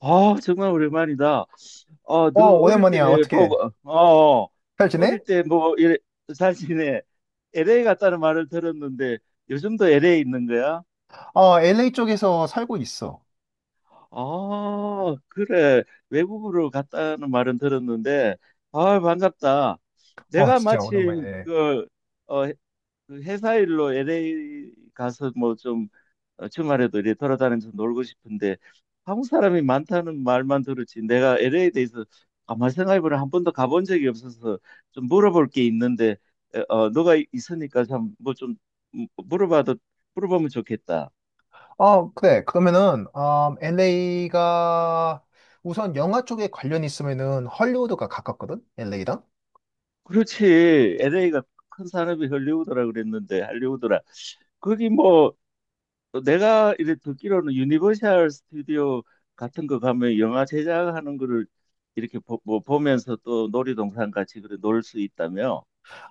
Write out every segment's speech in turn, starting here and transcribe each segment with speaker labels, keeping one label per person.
Speaker 1: 아, 정말 오랜만이다. 아,
Speaker 2: 어,
Speaker 1: 너 어릴
Speaker 2: 오랜만이야.
Speaker 1: 때
Speaker 2: 어떻게?
Speaker 1: 보고,
Speaker 2: 잘 지내?
Speaker 1: 어릴 때 뭐, 이래, 사진에 LA 갔다는 말을 들었는데 요즘도 LA 있는 거야?
Speaker 2: 어, LA 쪽에서 살고 있어.
Speaker 1: 아, 그래. 외국으로 갔다는 말은 들었는데, 아, 반갑다.
Speaker 2: 어,
Speaker 1: 내가
Speaker 2: 진짜
Speaker 1: 마침
Speaker 2: 오랜만이네.
Speaker 1: 어, 해- 그 회사 일로 LA 가서 뭐좀 주말에도 이렇게 돌아다니면서 놀고 싶은데 한국 사람이 많다는 말만 들었지 내가 LA에 대해서 아마 생각해보면 한 번도 가본 적이 없어서 좀 물어볼 게 있는데 너가 있으니까 참 뭐 좀 물어봐도 물어보면 좋겠다.
Speaker 2: 어, 그래. 그러면은, LA가 우선 영화 쪽에 관련 있으면은 헐리우드가 가깝거든? LA랑?
Speaker 1: 그렇지, LA가 큰 산업이 할리우드라 그랬는데 할리우드라 거기 뭐 내가 이렇게 듣기로는 유니버셜 스튜디오 같은 거 가면 영화 제작하는 거를 이렇게 뭐 보면서 또 놀이동산 같이 그래 놀 수 있다며?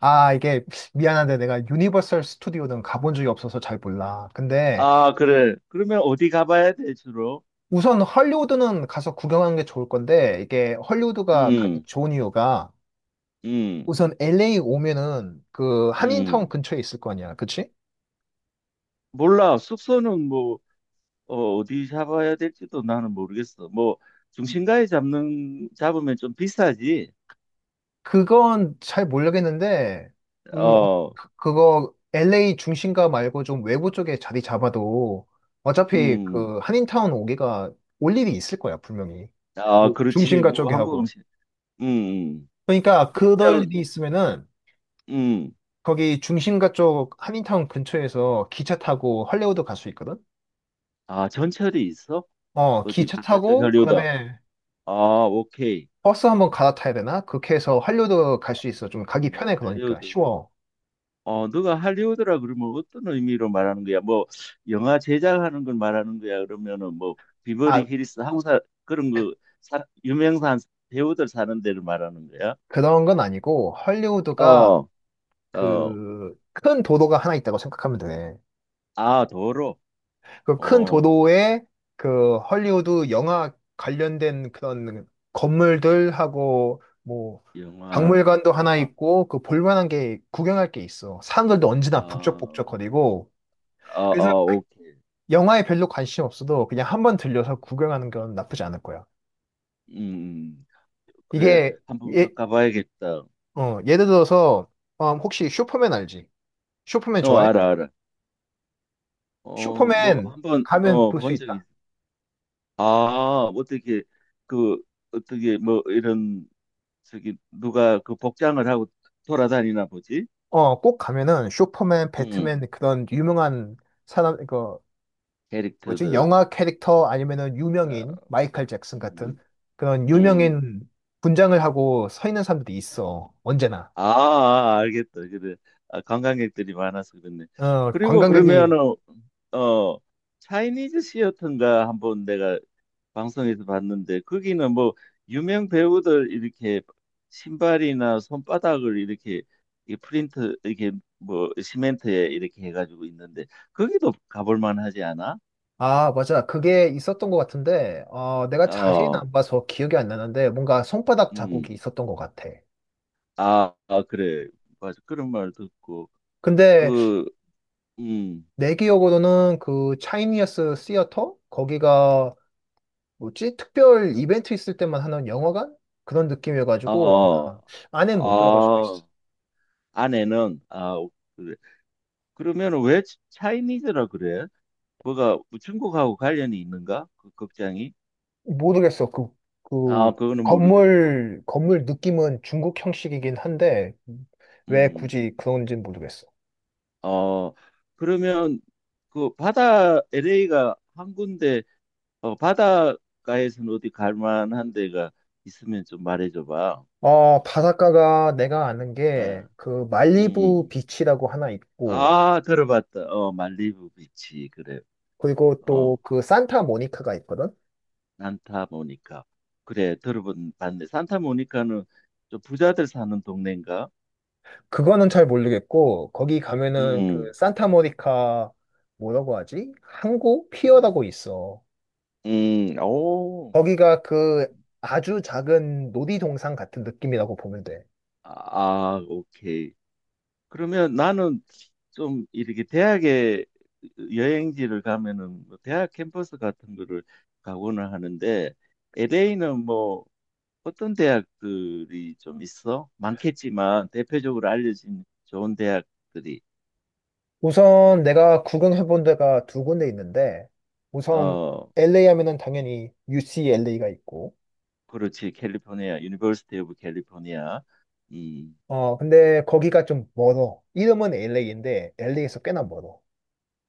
Speaker 2: 아, 이게 미안한데 내가 유니버설 스튜디오는 가본 적이 없어서 잘 몰라. 근데
Speaker 1: 아, 그래. 그러면 어디 가봐야 돼, 주로?
Speaker 2: 우선 헐리우드는 가서 구경하는 게 좋을 건데 이게 헐리우드가 가기
Speaker 1: 음,
Speaker 2: 좋은 이유가
Speaker 1: 음,
Speaker 2: 우선 LA 오면은 그 한인타운
Speaker 1: 음.
Speaker 2: 근처에 있을 거 아니야. 그치?
Speaker 1: 몰라. 숙소는 뭐, 어디 잡아야 될지도 나는 모르겠어. 뭐, 중심가에 잡으면 좀 비싸지.
Speaker 2: 그건 잘 모르겠는데, 음, 어,
Speaker 1: 어,
Speaker 2: 그거 LA 중심가 말고 좀 외부 쪽에 자리 잡아도 어차피
Speaker 1: 음.
Speaker 2: 그 한인타운 오기가 올 일이 있을 거야, 분명히.
Speaker 1: 아,
Speaker 2: 그
Speaker 1: 그렇지.
Speaker 2: 중심가
Speaker 1: 뭐,
Speaker 2: 쪽에
Speaker 1: 한국
Speaker 2: 하고.
Speaker 1: 음식. 음, 음.
Speaker 2: 그러니까 그럴
Speaker 1: 그러면,
Speaker 2: 일이 있으면은
Speaker 1: 음.
Speaker 2: 거기 중심가 쪽 한인타운 근처에서 기차 타고 할리우드 갈 수 있거든?
Speaker 1: 아, 전철이 있어?
Speaker 2: 어,
Speaker 1: 어디
Speaker 2: 기차
Speaker 1: 바깥쪽
Speaker 2: 타고
Speaker 1: 할리우드.
Speaker 2: 그다음에
Speaker 1: 아, 오케이.
Speaker 2: 버스 한번 갈아타야 되나? 그렇게 해서 할리우드 갈 수 있어. 좀 가기 편해, 그러니까.
Speaker 1: 할리우드.
Speaker 2: 쉬워.
Speaker 1: 어, 너가 할리우드라 그러면 어떤 의미로 말하는 거야? 뭐 영화 제작하는 걸 말하는 거야? 그러면은 뭐
Speaker 2: 아,
Speaker 1: 비버리 hills 항사 그런 거 유명한 배우들 사는 데를 말하는 거야?
Speaker 2: 그런 건 아니고 할리우드가
Speaker 1: 어, 어.
Speaker 2: 그 큰 도도가 하나 있다고 생각하면 돼.
Speaker 1: 아, 도로.
Speaker 2: 그 큰
Speaker 1: 어.
Speaker 2: 도도에 그 헐리우드 영화 관련된 그런 건물들하고 뭐
Speaker 1: 영화.
Speaker 2: 박물관도 하나
Speaker 1: 아,
Speaker 2: 있고 그 볼만한 게 구경할 게 있어. 사람들도 언제나
Speaker 1: 아,
Speaker 2: 북적북적거리고
Speaker 1: 아,
Speaker 2: 그래서
Speaker 1: 아, 오케이.
Speaker 2: 영화에 별로 관심 없어도 그냥 한번 들려서 구경하는 건 나쁘지 않을 거야.
Speaker 1: 음, 음. 그래.
Speaker 2: 이게
Speaker 1: 한번
Speaker 2: 예,
Speaker 1: 가봐야겠다.
Speaker 2: 예를 들어서 혹시 슈퍼맨 알지? 슈퍼맨
Speaker 1: 어,
Speaker 2: 좋아해?
Speaker 1: 알아, 알아. 어, 뭐
Speaker 2: 슈퍼맨
Speaker 1: 한번
Speaker 2: 가면 볼 수
Speaker 1: 본 적이
Speaker 2: 있다?
Speaker 1: 있어. 아, 그 어떻게 뭐 이런, 저기 누가 그 복장을 하고 돌아다니나 보지?
Speaker 2: 어, 꼭 가면은 슈퍼맨,
Speaker 1: 응.
Speaker 2: 배트맨 그런 유명한 사람, 그 뭐지?
Speaker 1: 캐릭터들.
Speaker 2: 영화 캐릭터 아니면은 유명인,
Speaker 1: 어,
Speaker 2: 마이클 잭슨 같은
Speaker 1: 음,
Speaker 2: 그런
Speaker 1: 음.
Speaker 2: 유명인 분장을 하고 서 있는 사람들이 있어. 언제나.
Speaker 1: 아, 아, 알겠다. 그래. 아, 관광객들이 많아서 그렇네.
Speaker 2: 어,
Speaker 1: 그리고
Speaker 2: 관광객이
Speaker 1: 그러면은 어 차이니즈 시어터인가 한번 내가 방송에서 봤는데, 거기는 뭐 유명 배우들 이렇게 신발이나 손바닥을 이렇게, 이 프린트 이렇게 뭐 시멘트에 이렇게 해가지고 있는데 거기도 가볼 만하지 않아?
Speaker 2: 아, 맞아. 그게 있었던 것 같은데, 내가 자세히는
Speaker 1: 어,
Speaker 2: 안 봐서 기억이 안 나는데, 뭔가 손바닥
Speaker 1: 음.
Speaker 2: 자국이 있었던 것 같아.
Speaker 1: 아, 아, 그래. 맞아, 그런 말 듣고,
Speaker 2: 근데
Speaker 1: 그, 음,
Speaker 2: 내 기억으로는 그 차이니어스 시어터? 거기가 뭐지? 특별 이벤트 있을 때만 하는 영화관? 그런
Speaker 1: 아,
Speaker 2: 느낌이어가지고
Speaker 1: 어,
Speaker 2: 아마 안에는 못 들어갈 수도
Speaker 1: 아,
Speaker 2: 있어.
Speaker 1: 아내는, 아, 그래. 그러면 왜 차이니즈라 그래? 뭐가 중국하고 관련이 있는가, 그 극장이?
Speaker 2: 모르겠어. 그
Speaker 1: 아, 그거는 모르겠고.
Speaker 2: 건물 느낌은 중국 형식이긴 한데 왜
Speaker 1: 음,
Speaker 2: 굳이 그런지는 모르겠어.
Speaker 1: 어, 그러면, 그 바다, LA가 한 군데, 바닷가에서는 어디 갈 만한 데가 있으면 좀 말해줘 봐.
Speaker 2: 어, 바닷가가 내가 아는 게
Speaker 1: 어,
Speaker 2: 그 말리부
Speaker 1: 음.
Speaker 2: 비치라고 하나 있고
Speaker 1: 아, 들어봤다. 어, 말리부 비치. 그래.
Speaker 2: 그리고 또
Speaker 1: 어,
Speaker 2: 그 산타모니카가 있거든?
Speaker 1: 산타모니카. 그래, 들어본 봤네. 산타모니카는 좀 부자들 사는 동네인가?
Speaker 2: 그거는 잘 모르겠고 거기 가면은 그
Speaker 1: 음.
Speaker 2: 산타모니카 뭐라고 하지? 항구
Speaker 1: 음.
Speaker 2: 피어라고 있어.
Speaker 1: 음. 오.
Speaker 2: 거기가 그 아주 작은 놀이동산 같은 느낌이라고 보면 돼.
Speaker 1: 아, 아, 오케이. 그러면 나는 좀 이렇게 대학에, 여행지를 가면은 뭐 대학 캠퍼스 같은 거를 가고는 하는데, LA는 뭐 어떤 대학들이 좀 있어? 많겠지만 대표적으로 알려진 좋은 대학들이.
Speaker 2: 우선 내가 구경해본 데가 두 군데 있는데, 우선
Speaker 1: 어
Speaker 2: LA 하면은 당연히 UCLA가 있고,
Speaker 1: 그렇지, 캘리포니아, 유니버시티 오브 캘리포니아. 이
Speaker 2: 어, 근데 거기가 좀 멀어. 이름은 LA인데, LA에서 꽤나 멀어.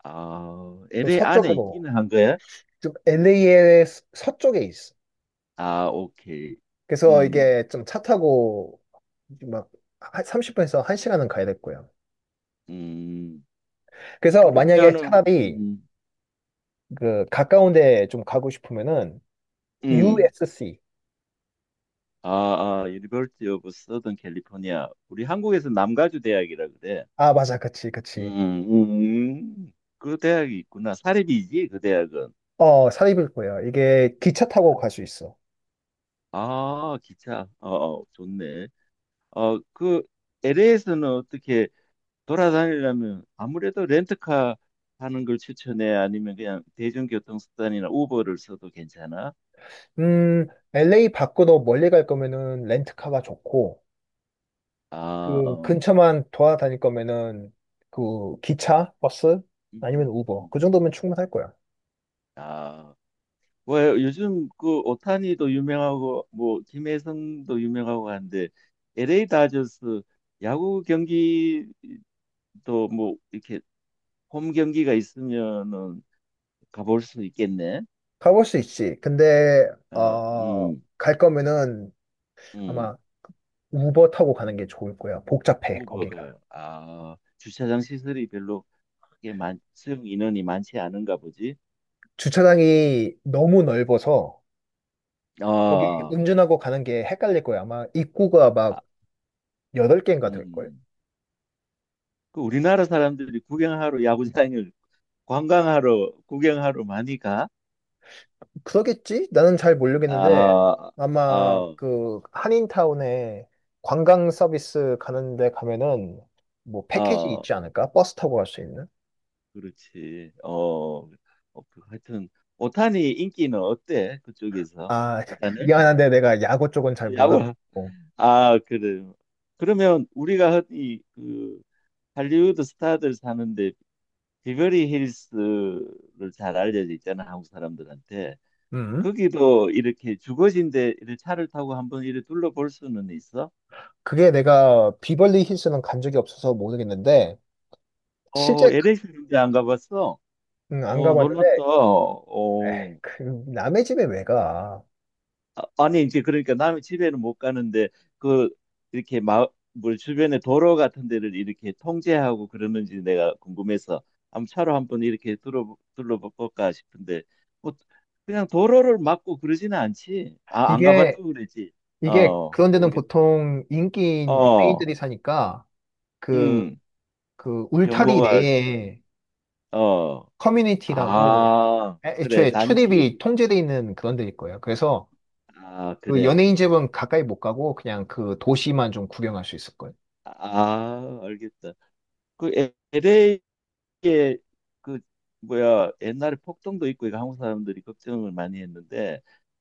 Speaker 1: 아,
Speaker 2: 좀
Speaker 1: LA 안에
Speaker 2: 서쪽으로,
Speaker 1: 있기는 한 거야?
Speaker 2: 좀 LA의 서쪽에 있어.
Speaker 1: 아, 오케이.
Speaker 2: 그래서
Speaker 1: 음,
Speaker 2: 이게 좀 차 타고 막 30분에서 1시간은 가야 될 거야.
Speaker 1: 음.
Speaker 2: 그래서 만약에
Speaker 1: 그러면은,
Speaker 2: 차라리 그 가까운 데 좀 가고 싶으면은
Speaker 1: 음.
Speaker 2: USC.
Speaker 1: 아, 아, 유니버시티 오브 서던 캘리포니아. 우리 한국에서 남가주 대학이라 그래.
Speaker 2: 아, 맞아. 그치, 그치.
Speaker 1: 그 대학이 있구나. 사립이지, 그 대학은.
Speaker 2: 어, 사립일 거야. 이게 기차 타고 갈 수 있어.
Speaker 1: 아, 기차. 어, 어, 좋네. 그 LA에서는 어떻게, 돌아다니려면 아무래도 렌트카 하는 걸 추천해? 아니면 그냥 대중교통 수단이나 우버를 써도 괜찮아?
Speaker 2: 음, LA 밖으로 멀리 갈 거면은 렌트카가 좋고,
Speaker 1: 아,
Speaker 2: 그
Speaker 1: 어.
Speaker 2: 근처만 돌아다닐 거면은 그 기차, 버스, 아니면
Speaker 1: 음,
Speaker 2: 우버.
Speaker 1: 음.
Speaker 2: 그 정도면 충분할 거야.
Speaker 1: 아, 뭐 요즘 그 오타니도 유명하고 뭐 김혜성도 유명하고 한데, LA 다저스 야구 경기도 뭐 이렇게 홈 경기가 있으면은 가볼 수 있겠네.
Speaker 2: 가볼 수 있지. 근데,
Speaker 1: 어,
Speaker 2: 갈 거면은
Speaker 1: 음.
Speaker 2: 아마 우버 타고 가는 게 좋을 거야. 복잡해, 거기가.
Speaker 1: 우버가, 아, 주차장 시설이 별로 크게 수용 인원이 많지 않은가 보지.
Speaker 2: 주차장이 너무 넓어서, 여기
Speaker 1: 어,
Speaker 2: 운전하고 가는 게 헷갈릴 거야. 아마 입구가
Speaker 1: 아,
Speaker 2: 막 여덟 개인가 될걸?
Speaker 1: 음. 그 우리나라 사람들이 구경하러 야구장을 관광하러 구경하러 많이 가.
Speaker 2: 그러겠지? 나는 잘 모르겠는데,
Speaker 1: 아,
Speaker 2: 아마
Speaker 1: 아,
Speaker 2: 그 한인타운에 관광 서비스 가는데 가면은 뭐 패키지
Speaker 1: 어,
Speaker 2: 있지 않을까? 버스 타고 갈 수 있는?
Speaker 1: 그렇지. 그, 하여튼 오타니 인기는 어때, 그쪽에서?
Speaker 2: 아,
Speaker 1: 대단해?
Speaker 2: 미안한데 내가 야구 쪽은 잘
Speaker 1: 야구.
Speaker 2: 몰랐고.
Speaker 1: 아, 그래. 그러면 우리가 흔히 그 할리우드 스타들 사는데, 비버리 힐스를 잘 알려져 있잖아, 한국 사람들한테.
Speaker 2: 음.
Speaker 1: 거기도 이렇게 주거지인데 이렇게 차를 타고 한번 이렇게 둘러볼 수는 있어?
Speaker 2: 그게 내가 비벌리 힐스는 간 적이 없어서 모르겠는데, 실제
Speaker 1: LA 시리즈 안 가봤어?
Speaker 2: 안
Speaker 1: 어,
Speaker 2: 가봤는데,
Speaker 1: 놀랐다.
Speaker 2: 에이,
Speaker 1: 어.
Speaker 2: 그 남의 집에 왜 가?
Speaker 1: 아, 아니 이제 그러니까 남의 집에는 못 가는데, 그 이렇게 마을 주변에 도로 같은 데를 이렇게 통제하고 그러는지 내가 궁금해서, 한번 차로 한번 이렇게 둘러볼까 싶은데, 뭐 그냥 도로를 막고 그러지는 않지. 아, 안
Speaker 2: 이게,
Speaker 1: 가봤다고 그랬지.
Speaker 2: 이게
Speaker 1: 어,
Speaker 2: 그런 데는
Speaker 1: 모르겠.
Speaker 2: 보통 인기인
Speaker 1: 어,
Speaker 2: 연예인들이 사니까, 그
Speaker 1: 음.
Speaker 2: 그 울타리
Speaker 1: 경호가 심한.
Speaker 2: 내에
Speaker 1: 어,
Speaker 2: 커뮤니티라고
Speaker 1: 아, 그래,
Speaker 2: 애초에
Speaker 1: 단지.
Speaker 2: 출입이 통제돼 있는 그런 데일 거예요. 그래서
Speaker 1: 아,
Speaker 2: 그
Speaker 1: 그래.
Speaker 2: 연예인 집은 가까이 못 가고 그냥 그 도시만 좀 구경할 수 있을 거예요.
Speaker 1: 아, 알겠다. 그 LA, 이게, 그 뭐야, 옛날에 폭동도 있고 이거 한국 사람들이 걱정을 많이 했는데,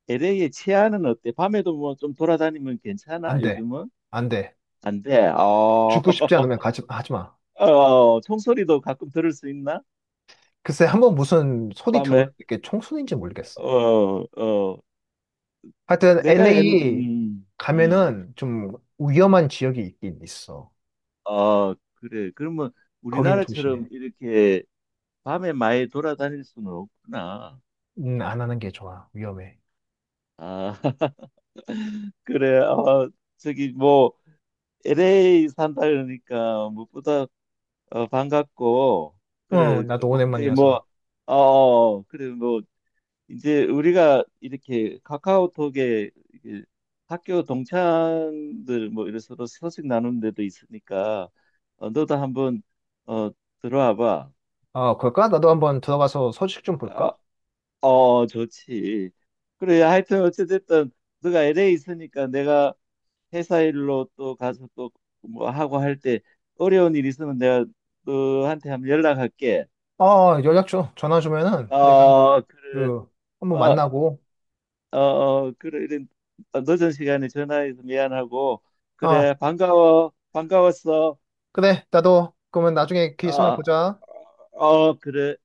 Speaker 1: LA의 치안은 어때? 밤에도 뭐 좀 돌아다니면
Speaker 2: 안
Speaker 1: 괜찮아,
Speaker 2: 돼.
Speaker 1: 요즘은?
Speaker 2: 안 돼.
Speaker 1: 안 돼. 어,
Speaker 2: 죽고 싶지 않으면 가지, 하지 마.
Speaker 1: 어, 총소리도 가끔 들을 수 있나?
Speaker 2: 글쎄, 한번 무슨 소리 들어,
Speaker 1: 밤에.
Speaker 2: 이게 총소리인지 모르겠어.
Speaker 1: 어, 어.
Speaker 2: 하여튼
Speaker 1: 내가
Speaker 2: LA
Speaker 1: 음,
Speaker 2: 가면은 좀 위험한 지역이 있긴 있어.
Speaker 1: 어, 그래. 그러면
Speaker 2: 거긴
Speaker 1: 우리나라처럼
Speaker 2: 조심해.
Speaker 1: 이렇게 밤에 많이 돌아다닐 수는 없구나.
Speaker 2: 안 하는 게 좋아. 위험해.
Speaker 1: 아, 그래. 어, 저기 뭐 LA 산다 그러니까 무엇보다 반갑고, 그래.
Speaker 2: 응, 나도
Speaker 1: 어떻게
Speaker 2: 오랜만이어서.
Speaker 1: 뭐, 그래. 뭐, 이제 우리가 이렇게 카카오톡에 이게 학교 동창들 뭐 이래 서로 소식 나누는 데도 있으니까, 너도 한번, 어, 들어와 봐.
Speaker 2: 아, 그럴까? 나도 한번 들어가서 소식 좀
Speaker 1: 어,
Speaker 2: 볼까?
Speaker 1: 어, 좋지. 그래, 하여튼 어찌됐든, 너가 LA 있으니까 내가 회사 일로 또 가서 또 뭐 하고 할 때 어려운 일 있으면 내가 너한테 한번 연락할게.
Speaker 2: 어, 연락 줘. 전화 주면은 내가
Speaker 1: 어, 그래.
Speaker 2: 그 한번
Speaker 1: 어,
Speaker 2: 만나고.
Speaker 1: 어, 어, 그래, 이런, 늦은 시간에 전화해서 미안하고,
Speaker 2: 어,
Speaker 1: 그래, 반가워, 반가웠어.
Speaker 2: 그래. 나도 그러면 나중에 기회 있으면
Speaker 1: 어,
Speaker 2: 보자.
Speaker 1: 어, 그래.